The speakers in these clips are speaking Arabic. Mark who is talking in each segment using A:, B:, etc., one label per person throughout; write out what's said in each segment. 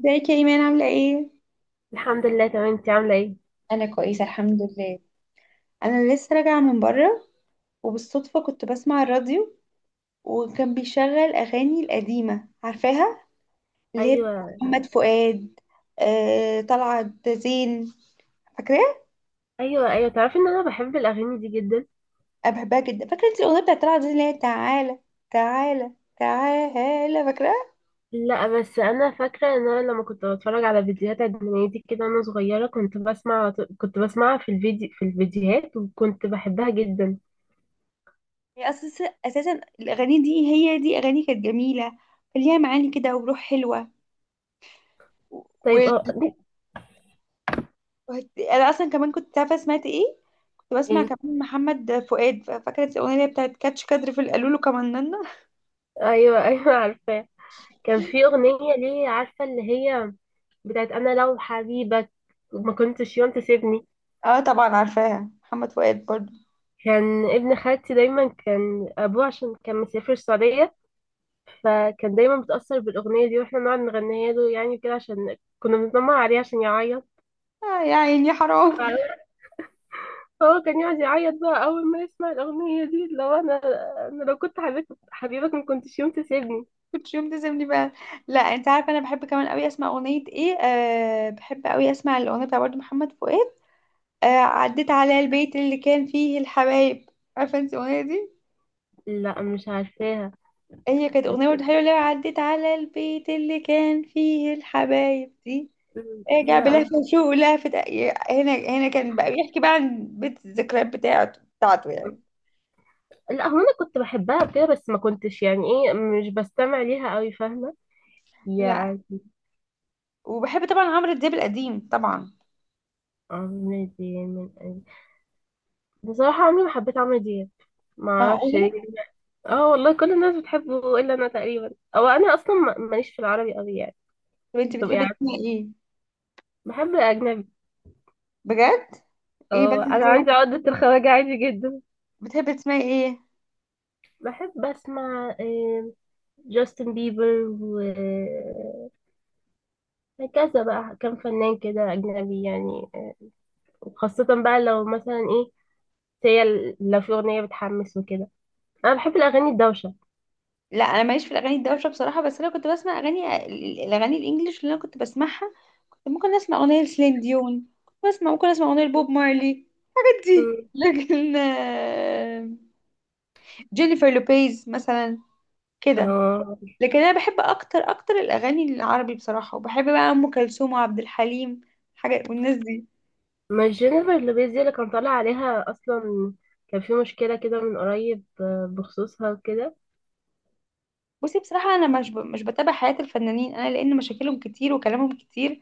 A: ازيك يا ايمان؟ عامله ايه؟
B: الحمد لله، تمام. انت عامله ايه؟
A: انا كويسه الحمد لله. انا لسه راجعه من بره، وبالصدفه كنت بسمع الراديو، وكان بيشغل اغاني القديمه، عارفاها؟ اللي هي بتاعت
B: ايوه،
A: محمد فؤاد، آه، طلعت زين، فاكراها؟
B: ايوه، ايوه، تعرفي ان انا بحب الاغاني دي جدا.
A: انا بحبها جدا. فاكره انت الاغنيه بتاعت طلعت زين اللي هي تعالى، تعالى، تعالى، فاكراها؟
B: لا، بس انا فاكره ان انا لما كنت بتفرج على فيديوهات اجنبيه كده وانا صغيره كنت بسمعها في الفيديوهات وكنت بحبها جدا.
A: هي اساسا الاغاني دي، هي دي اغاني كانت جميله، كان ليها معاني كده وروح حلوه.
B: طيب، دي-
A: انا اصلا كمان كنت عارفه سمعت ايه. كنت بسمع
B: ايه.
A: كمان محمد فؤاد، فاكره الاغنيه اللي هي بتاعت كاتش كادر في القالولو كمننا.
B: ايوه. ايوه، عارفاه. كان في اغنيه، ليه، عارفه اللي هي بتاعت انا لو حبيبك ما كنتش يوم تسيبني.
A: اه طبعا عارفاها، محمد فؤاد برضو.
B: كان ابن خالتي دايما، كان ابوه عشان كان مسافر السعوديه. فكان دايما بتأثر بالأغنية دي، واحنا نقعد نغنيها له يعني كده عشان كنا بنتنمر عليه عشان يعيط.
A: آه يا عيني حرام.
B: فهو كان يقعد يعيط بقى أول ما يسمع الأغنية دي. لو أنا أنا لو كنت حبيبك حبيبك ما كنتش يوم تسيبني.
A: كنت يوم تزمني بقى. لا انت عارفه انا بحب كمان قوي اسمع اغنيه ايه، آه بحب قوي اسمع الاغنيه بتاع برضو محمد فؤاد، آه عديت على البيت اللي كان فيه الحبايب. عارفه انت الاغنيه دي؟
B: لا، مش عارفاها.
A: هي كانت اغنيه برضو حلوه، اللي هي عديت على البيت اللي كان فيه الحبايب دي. رجع
B: لا،
A: بلهفة
B: مش.
A: شوق ولهفة. هنا كان بقى بيحكي بقى عن بيت الذكريات بتاعته يعني.
B: لا، هو أنا كنت بحبها كده بس ما كنتش، يعني إيه، مش بستمع ليها أوي. فاهمة؟
A: لا.
B: يعني.
A: وبحب طبعا عمرو دياب القديم طبعا.
B: عمرو دياب من قلبي. بصراحة عمري ما حبيت عمرو دياب. ما أعرفش ليه.
A: معقولة؟
B: اه، والله كل الناس بتحبه الا انا تقريبا. او انا اصلا ماليش في العربي قوي يعني.
A: طب انت
B: تبقى
A: بتحبي
B: عارف؟
A: تسمعي ايه؟
B: بحب اجنبي.
A: بجد؟ ايه بس
B: اه، انا
A: ازاي؟
B: عندي عقدة الخواجة عادي جدا.
A: بتحبي تسمعي ايه؟
B: بحب اسمع جاستن بيبر وهكذا. بقى كم فنان كده اجنبي يعني. وخاصة بقى لو مثلا ايه، هي لو في اغنية بتحمس وكده. انا بحب الاغاني الدوشة.
A: لا انا ماليش في الاغاني الدوشه بصراحه، بس انا كنت بسمع اغاني، الاغاني الانجليش اللي انا كنت بسمعها. كنت ممكن اسمع اغنيه لسلين ديون، كنت بسمع ممكن اسمع اغنيه لبوب مارلي. دي
B: مم.
A: لكن آه، جينيفر لوبيز مثلا، كده.
B: اه.
A: لكن انا بحب اكتر اكتر الاغاني العربي بصراحه، وبحب بقى ام كلثوم وعبد الحليم حاجه والناس دي.
B: مش جينيفر لوبيز دي اللي كان طالع عليها اصلا؟ كان في مشكلة كده من قريب بخصوصها وكده.
A: بصي بصراحه انا مش بتابع حياه الفنانين انا، لان مشاكلهم كتير وكلامهم كتير.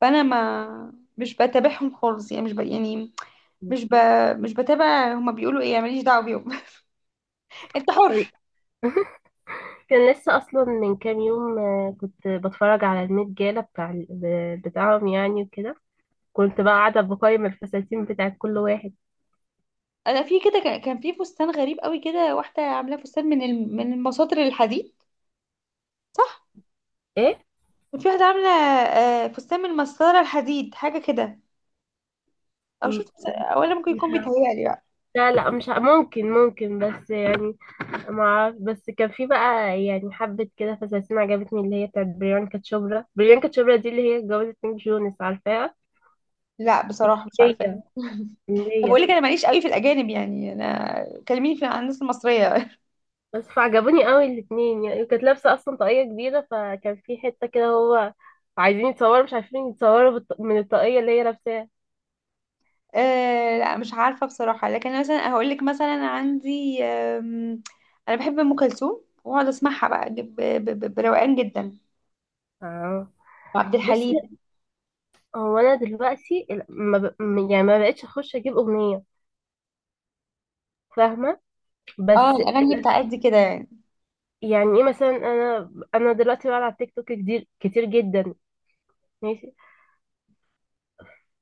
A: فانا ما مش بتابعهم خالص يعني، مش ب... يعني
B: كان
A: مش ب... مش بتابع هما بيقولوا ايه، ماليش دعوه بيهم. انت حر.
B: كان لسه اصلا من كام يوم، كنت بتفرج على الميت جالا بتاع بتاعهم يعني وكده. كنت بقى قاعده بقيم الفساتين بتاعت كل واحد.
A: انا في كده كان في فستان غريب قوي كده، واحده عاملاه فستان من من المساطر الحديد، صح؟
B: ايه.
A: في واحده عامله آه، فستان من مسطره الحديد حاجه كده، او
B: م-
A: شفت؟ او انا ممكن
B: مش
A: يكون
B: ه-
A: بيتهيألي.
B: لا، لا، مش ه- ممكن بس يعني. ما اعرف، بس كان في بقى يعني حبه كده فساتين عجبتني اللي هي بتاعت بريانكا تشوبرا دي اللي هي اتجوزت نيك جونس، عارفاها؟
A: لا بصراحة مش
B: هي
A: عارفة. طب
B: هي
A: بقول لك انا ماليش قوي في الاجانب يعني، انا كلميني في عن الناس المصريه.
B: بس فعجبوني قوي الاتنين، يعني كانت لابسة اصلا طاقية كبيرة فكان في حتة كده هو عايزين يتصوروا، مش عارفين يتصوروا من الطاقية اللي هي لابساها.
A: آه لا مش عارفه بصراحه، لكن أنا مثلا هقول لك مثلا عندي آم، انا بحب ام كلثوم واقعد اسمعها بقى بروقان جدا،
B: اه.
A: وعبد
B: بصي.
A: الحليم.
B: هو انا دلوقتي ال- ما ب... م- يعني ما بقتش اخش اجيب اغنية. فاهمة؟
A: اه
B: بس
A: الاغاني بتاعت دي كده يعني.
B: يعني ايه مثلا، انا دلوقتي بقعد على التيك توك كتير كتير جدا. ماشي.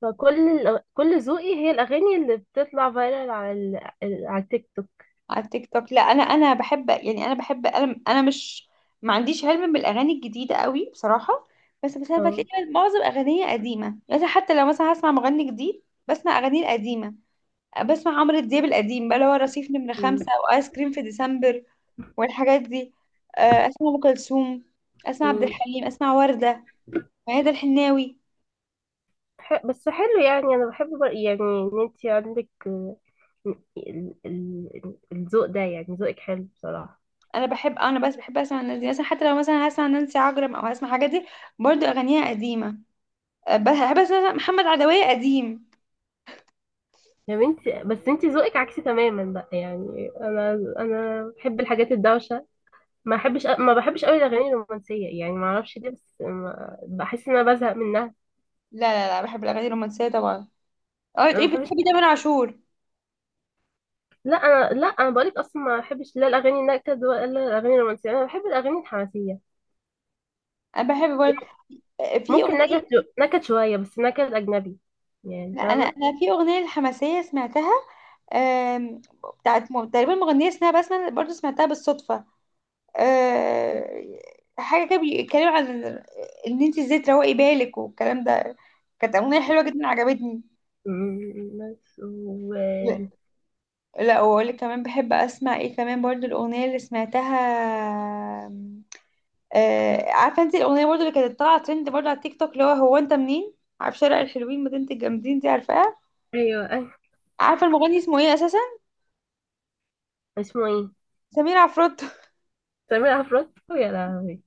B: فكل الأغ- كل ذوقي هي الاغاني اللي بتطلع فايرال على ال... على التيك توك.
A: على التيك توك. لا انا بحب يعني، انا بحب انا مش، ما عنديش علم بالاغاني الجديده قوي بصراحه. بس انا بتلاقي معظم اغانيه قديمه يعني، حتى لو مثلا هسمع مغني جديد بسمع اغانيه القديمه. بسمع عمرو دياب القديم بقى اللي هو رصيف نمرة خمسة، وآيس كريم في ديسمبر، والحاجات دي. آه، أسمع أم كلثوم، أسمع عبد
B: اه.
A: الحليم، أسمع وردة، ميادة الحناوي.
B: ح- بس حلو، يعني انا بحب يعني ان انت عندك الذوق ده يعني ذوقك حلو بصراحة.
A: أنا بحب، أنا بس بحب أسمع الناس دي مثلا، حتى لو مثلا هسمع نانسي عجرم أو هسمع حاجات دي، برضو أغانيها قديمة. آه، بحب أسمع محمد عدوية قديم.
B: يا بنتي، بس انت ذوقك عكسي تماما بقى، يعني انا بحب الحاجات الدوشة. ما بحبش قوي الاغاني الرومانسية، يعني ما اعرفش ليه بس بحس ان انا بزهق منها.
A: لا لا لا بحب الأغاني الرومانسية طبعا. اه
B: أنا ما
A: تقولي
B: بحبش.
A: بتحبي تامر عاشور؟
B: لا انا بقولك اصلا ما بحبش لا الاغاني النكد ولا الاغاني الرومانسية. انا بحب الاغاني الحماسية.
A: أنا بحب برضه آه، في
B: ممكن
A: أغنية.
B: نكد، نكد شوية بس نكد اجنبي، يعني
A: لا أنا،
B: فاهمة؟
A: أنا في أغنية الحماسية سمعتها، آم، بتاعت تقريبا مغنية اسمها بسمة، برضه سمعتها بالصدفة، آه، حاجه كده بيتكلم عن ان انت ازاي تروقي بالك والكلام ده. كانت اغنيه حلوه جدا عجبتني.
B: مم، بس و.
A: لا. لا، واقول لك كمان بحب اسمع ايه كمان برضو، الاغنيه اللي سمعتها، آه، عارفه انت الاغنيه برضو اللي كانت طالعه ترند برضو على التيك توك، اللي هو هو انت منين، عارف شارع الحلوين مدينه الجامدين دي، عارفاها؟
B: ايوه، أيوة.
A: عارفه المغني اسمه ايه اساسا؟
B: اسمه ايه؟
A: سمير عفروتو.
B: سمير عفروت، يا لهوي.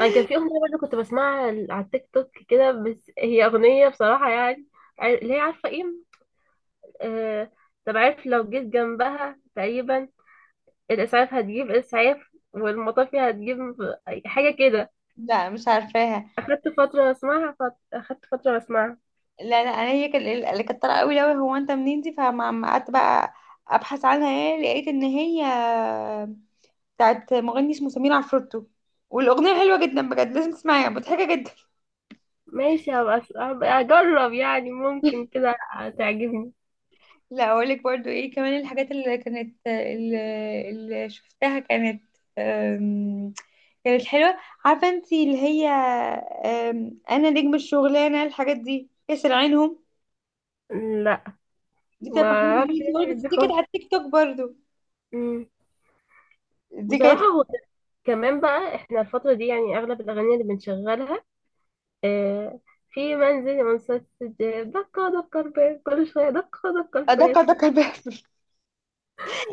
B: انا كان في اغنيه برضه كنت بسمعها على التيك توك كده، بس هي اغنيه بصراحه يعني، اللي هي، عارفه ايه؟ آه... طب، عارف لو جيت جنبها تقريبا الاسعاف هتجيب اسعاف، والمطافي هتجيب حاجه كده.
A: لا مش عارفاها.
B: اخدت فتره اسمعها
A: لا لا انا هي كان-، اللي كانت طالعه قوي قوي هو انت منين دي، فما ما قعدت بقى ابحث عنها ايه، لقيت ان هي بتاعت مغني اسمه سمير عفروتو، والاغنيه حلوه جدا بجد لازم تسمعيها، مضحكه جدا.
B: ماشي، هبقى اجرب يعني، ممكن كده تعجبني.
A: لا اقول لك برضو ايه كمان، الحاجات اللي كانت اللي شفتها كانت أم، كانت حلوه. عارفه انت اللي هي أم، انا نجم الشغلانه، الحاجات دي كسر عينهم،
B: لا،
A: دي بتاعت
B: ما
A: محمود
B: اعرفش
A: يوسف،
B: إيه
A: بس
B: دي
A: دي كانت على التيك توك برضو.
B: خالص.
A: دي كانت
B: بصراحة هو كمان بقى، احنا الفترة دي يعني اغلب الاغاني اللي بنشغلها آه في منزل مسدس، دقة دقة الباب كل شوية دقة دقة
A: أدق
B: الباب.
A: أدق الباب،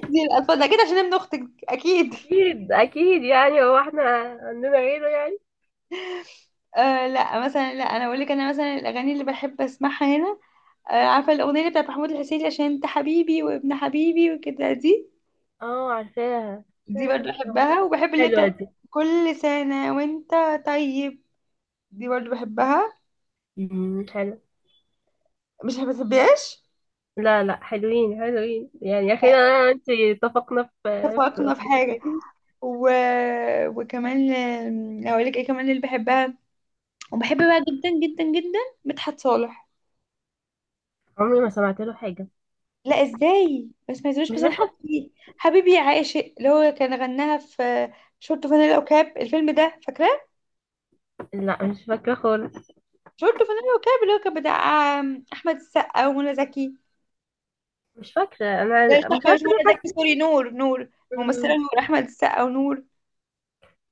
A: دي الألفاظ ده كده عشان ابن أختك أكيد.
B: اكيد اكيد، يعني هو احنا عندنا غيره يعني.
A: آه لا مثلا، لا أنا أقول لك، أنا مثلا الأغاني اللي بحب أسمعها هنا، آه عارفة الأغنية اللي بتاعت محمود الحسيني عشان أنت حبيبي وابن حبيبي وكده دي؟
B: اه. عارفاها
A: دي
B: عشان
A: برضو بحبها، وبحب اللي
B: حلوة
A: بتاعت
B: دي.
A: كل سنة وأنت طيب، دي برضو بحبها،
B: مم، حلو.
A: مش بتحبهاش؟
B: لا، لا، حلوين حلوين، يعني اخيرا انا وانت اتفقنا في
A: اتفقنا في حاجة.
B: اغنيتين.
A: و... وكمان آم، أقول لك إيه كمان اللي بحبها وبحب بقى جدا جدا جدا، مدحت صالح.
B: عمري ما سمعت له حاجة.
A: لا ازاي بس، ما ينزلوش
B: مش
A: مثلا
B: مدحت؟
A: حبيبي حبيبي يا عاشق، اللي هو كان غناها في شورت فانيلا وكاب، الفيلم ده فاكراه؟
B: لا، مش فاكرة خالص.
A: شورت فانيلا وكاب اللي هو كان بتاع آم، احمد السقا ومنى زكي.
B: مش فاكرة،
A: لا مش
B: انا مش
A: احمد، مش
B: عارفة
A: منى زكي،
B: ليه.
A: سوري، نور، نور الممثله
B: حاسة.
A: نور، احمد السقا ونور.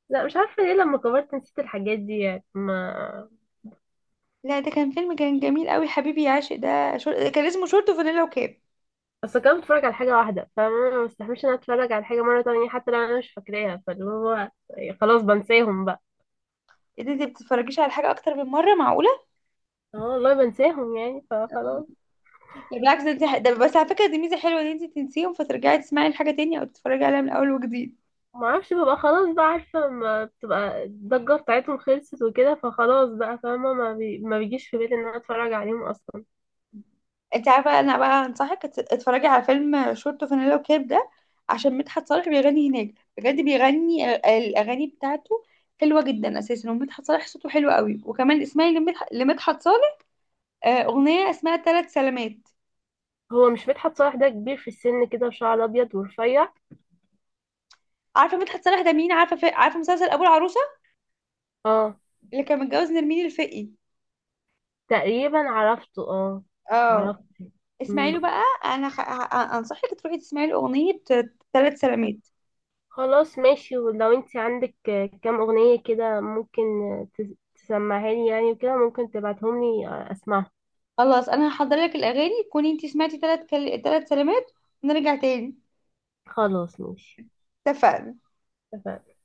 B: لا، مش عارفة ليه، لما كبرت نسيت الحاجات دي يعني، ما
A: لا ده كان فيلم كان جميل قوي، حبيبي يا عاشق ده، كان اسمه شورت فانيلا وكاب.
B: اصل كنت بتفرج على حاجة واحدة فما مستحملش ان أنا اتفرج على حاجة مرة تانية حتى لو انا مش فاكراها، فاللي هو خلاص بنساهم بقى.
A: ايه ده، انت بتتفرجيش على حاجه اكتر من مره، معقوله؟
B: اه، والله بنساهم يعني فخلاص.
A: ده بالعكس، ده بس على فكره دي ميزه حلوه ان انت تنسيهم، فترجعي تسمعي الحاجه تاني او تتفرجي عليها من اول وجديد.
B: ما اعرفش، ببقى خلاص بقى عارفة ما بتبقى الضجة بتاعتهم خلصت وكده، فخلاص بقى فاهمة، ما بيجيش في بالي ان انا اتفرج عليهم اصلا.
A: انت عارفه انا بقى هنصحك اتفرجي على فيلم شورت وفانيلا وكاب ده، عشان مدحت صالح بيغني هناك بجد، بيغني الاغاني بتاعته، حلوه جدا اساسا، ومدحت صالح صوته حلو قوي. وكمان اسمعي لمدحت صالح آه، اغنيه اسمها ثلاث سلامات.
B: هو مش مدحت صالح ده كبير في السن كده وشعر ابيض ورفيع؟
A: عارفه مدحت صالح ده مين؟ عارفه مسلسل ابو العروسه،
B: اه.
A: اللي كان متجوز نرمين الفقي؟
B: تقريبا عرفته، اه.
A: اه.
B: عرفته.
A: اسمعي له بقى، انصحك تروحي تسمعي له اغنيه ثلاث سلامات.
B: خلاص، ماشي. ولو انت عندك كام اغنية كده، ممكن تسمعها لي يعني وكده، ممكن تبعتهم لي اسمعها.
A: خلاص انا هحضر لك الاغاني، تكوني انت سمعتي ثلاث سلامات، ونرجع تاني.
B: خلاص، ماشي.
A: اتفقنا؟
B: اتفقنا.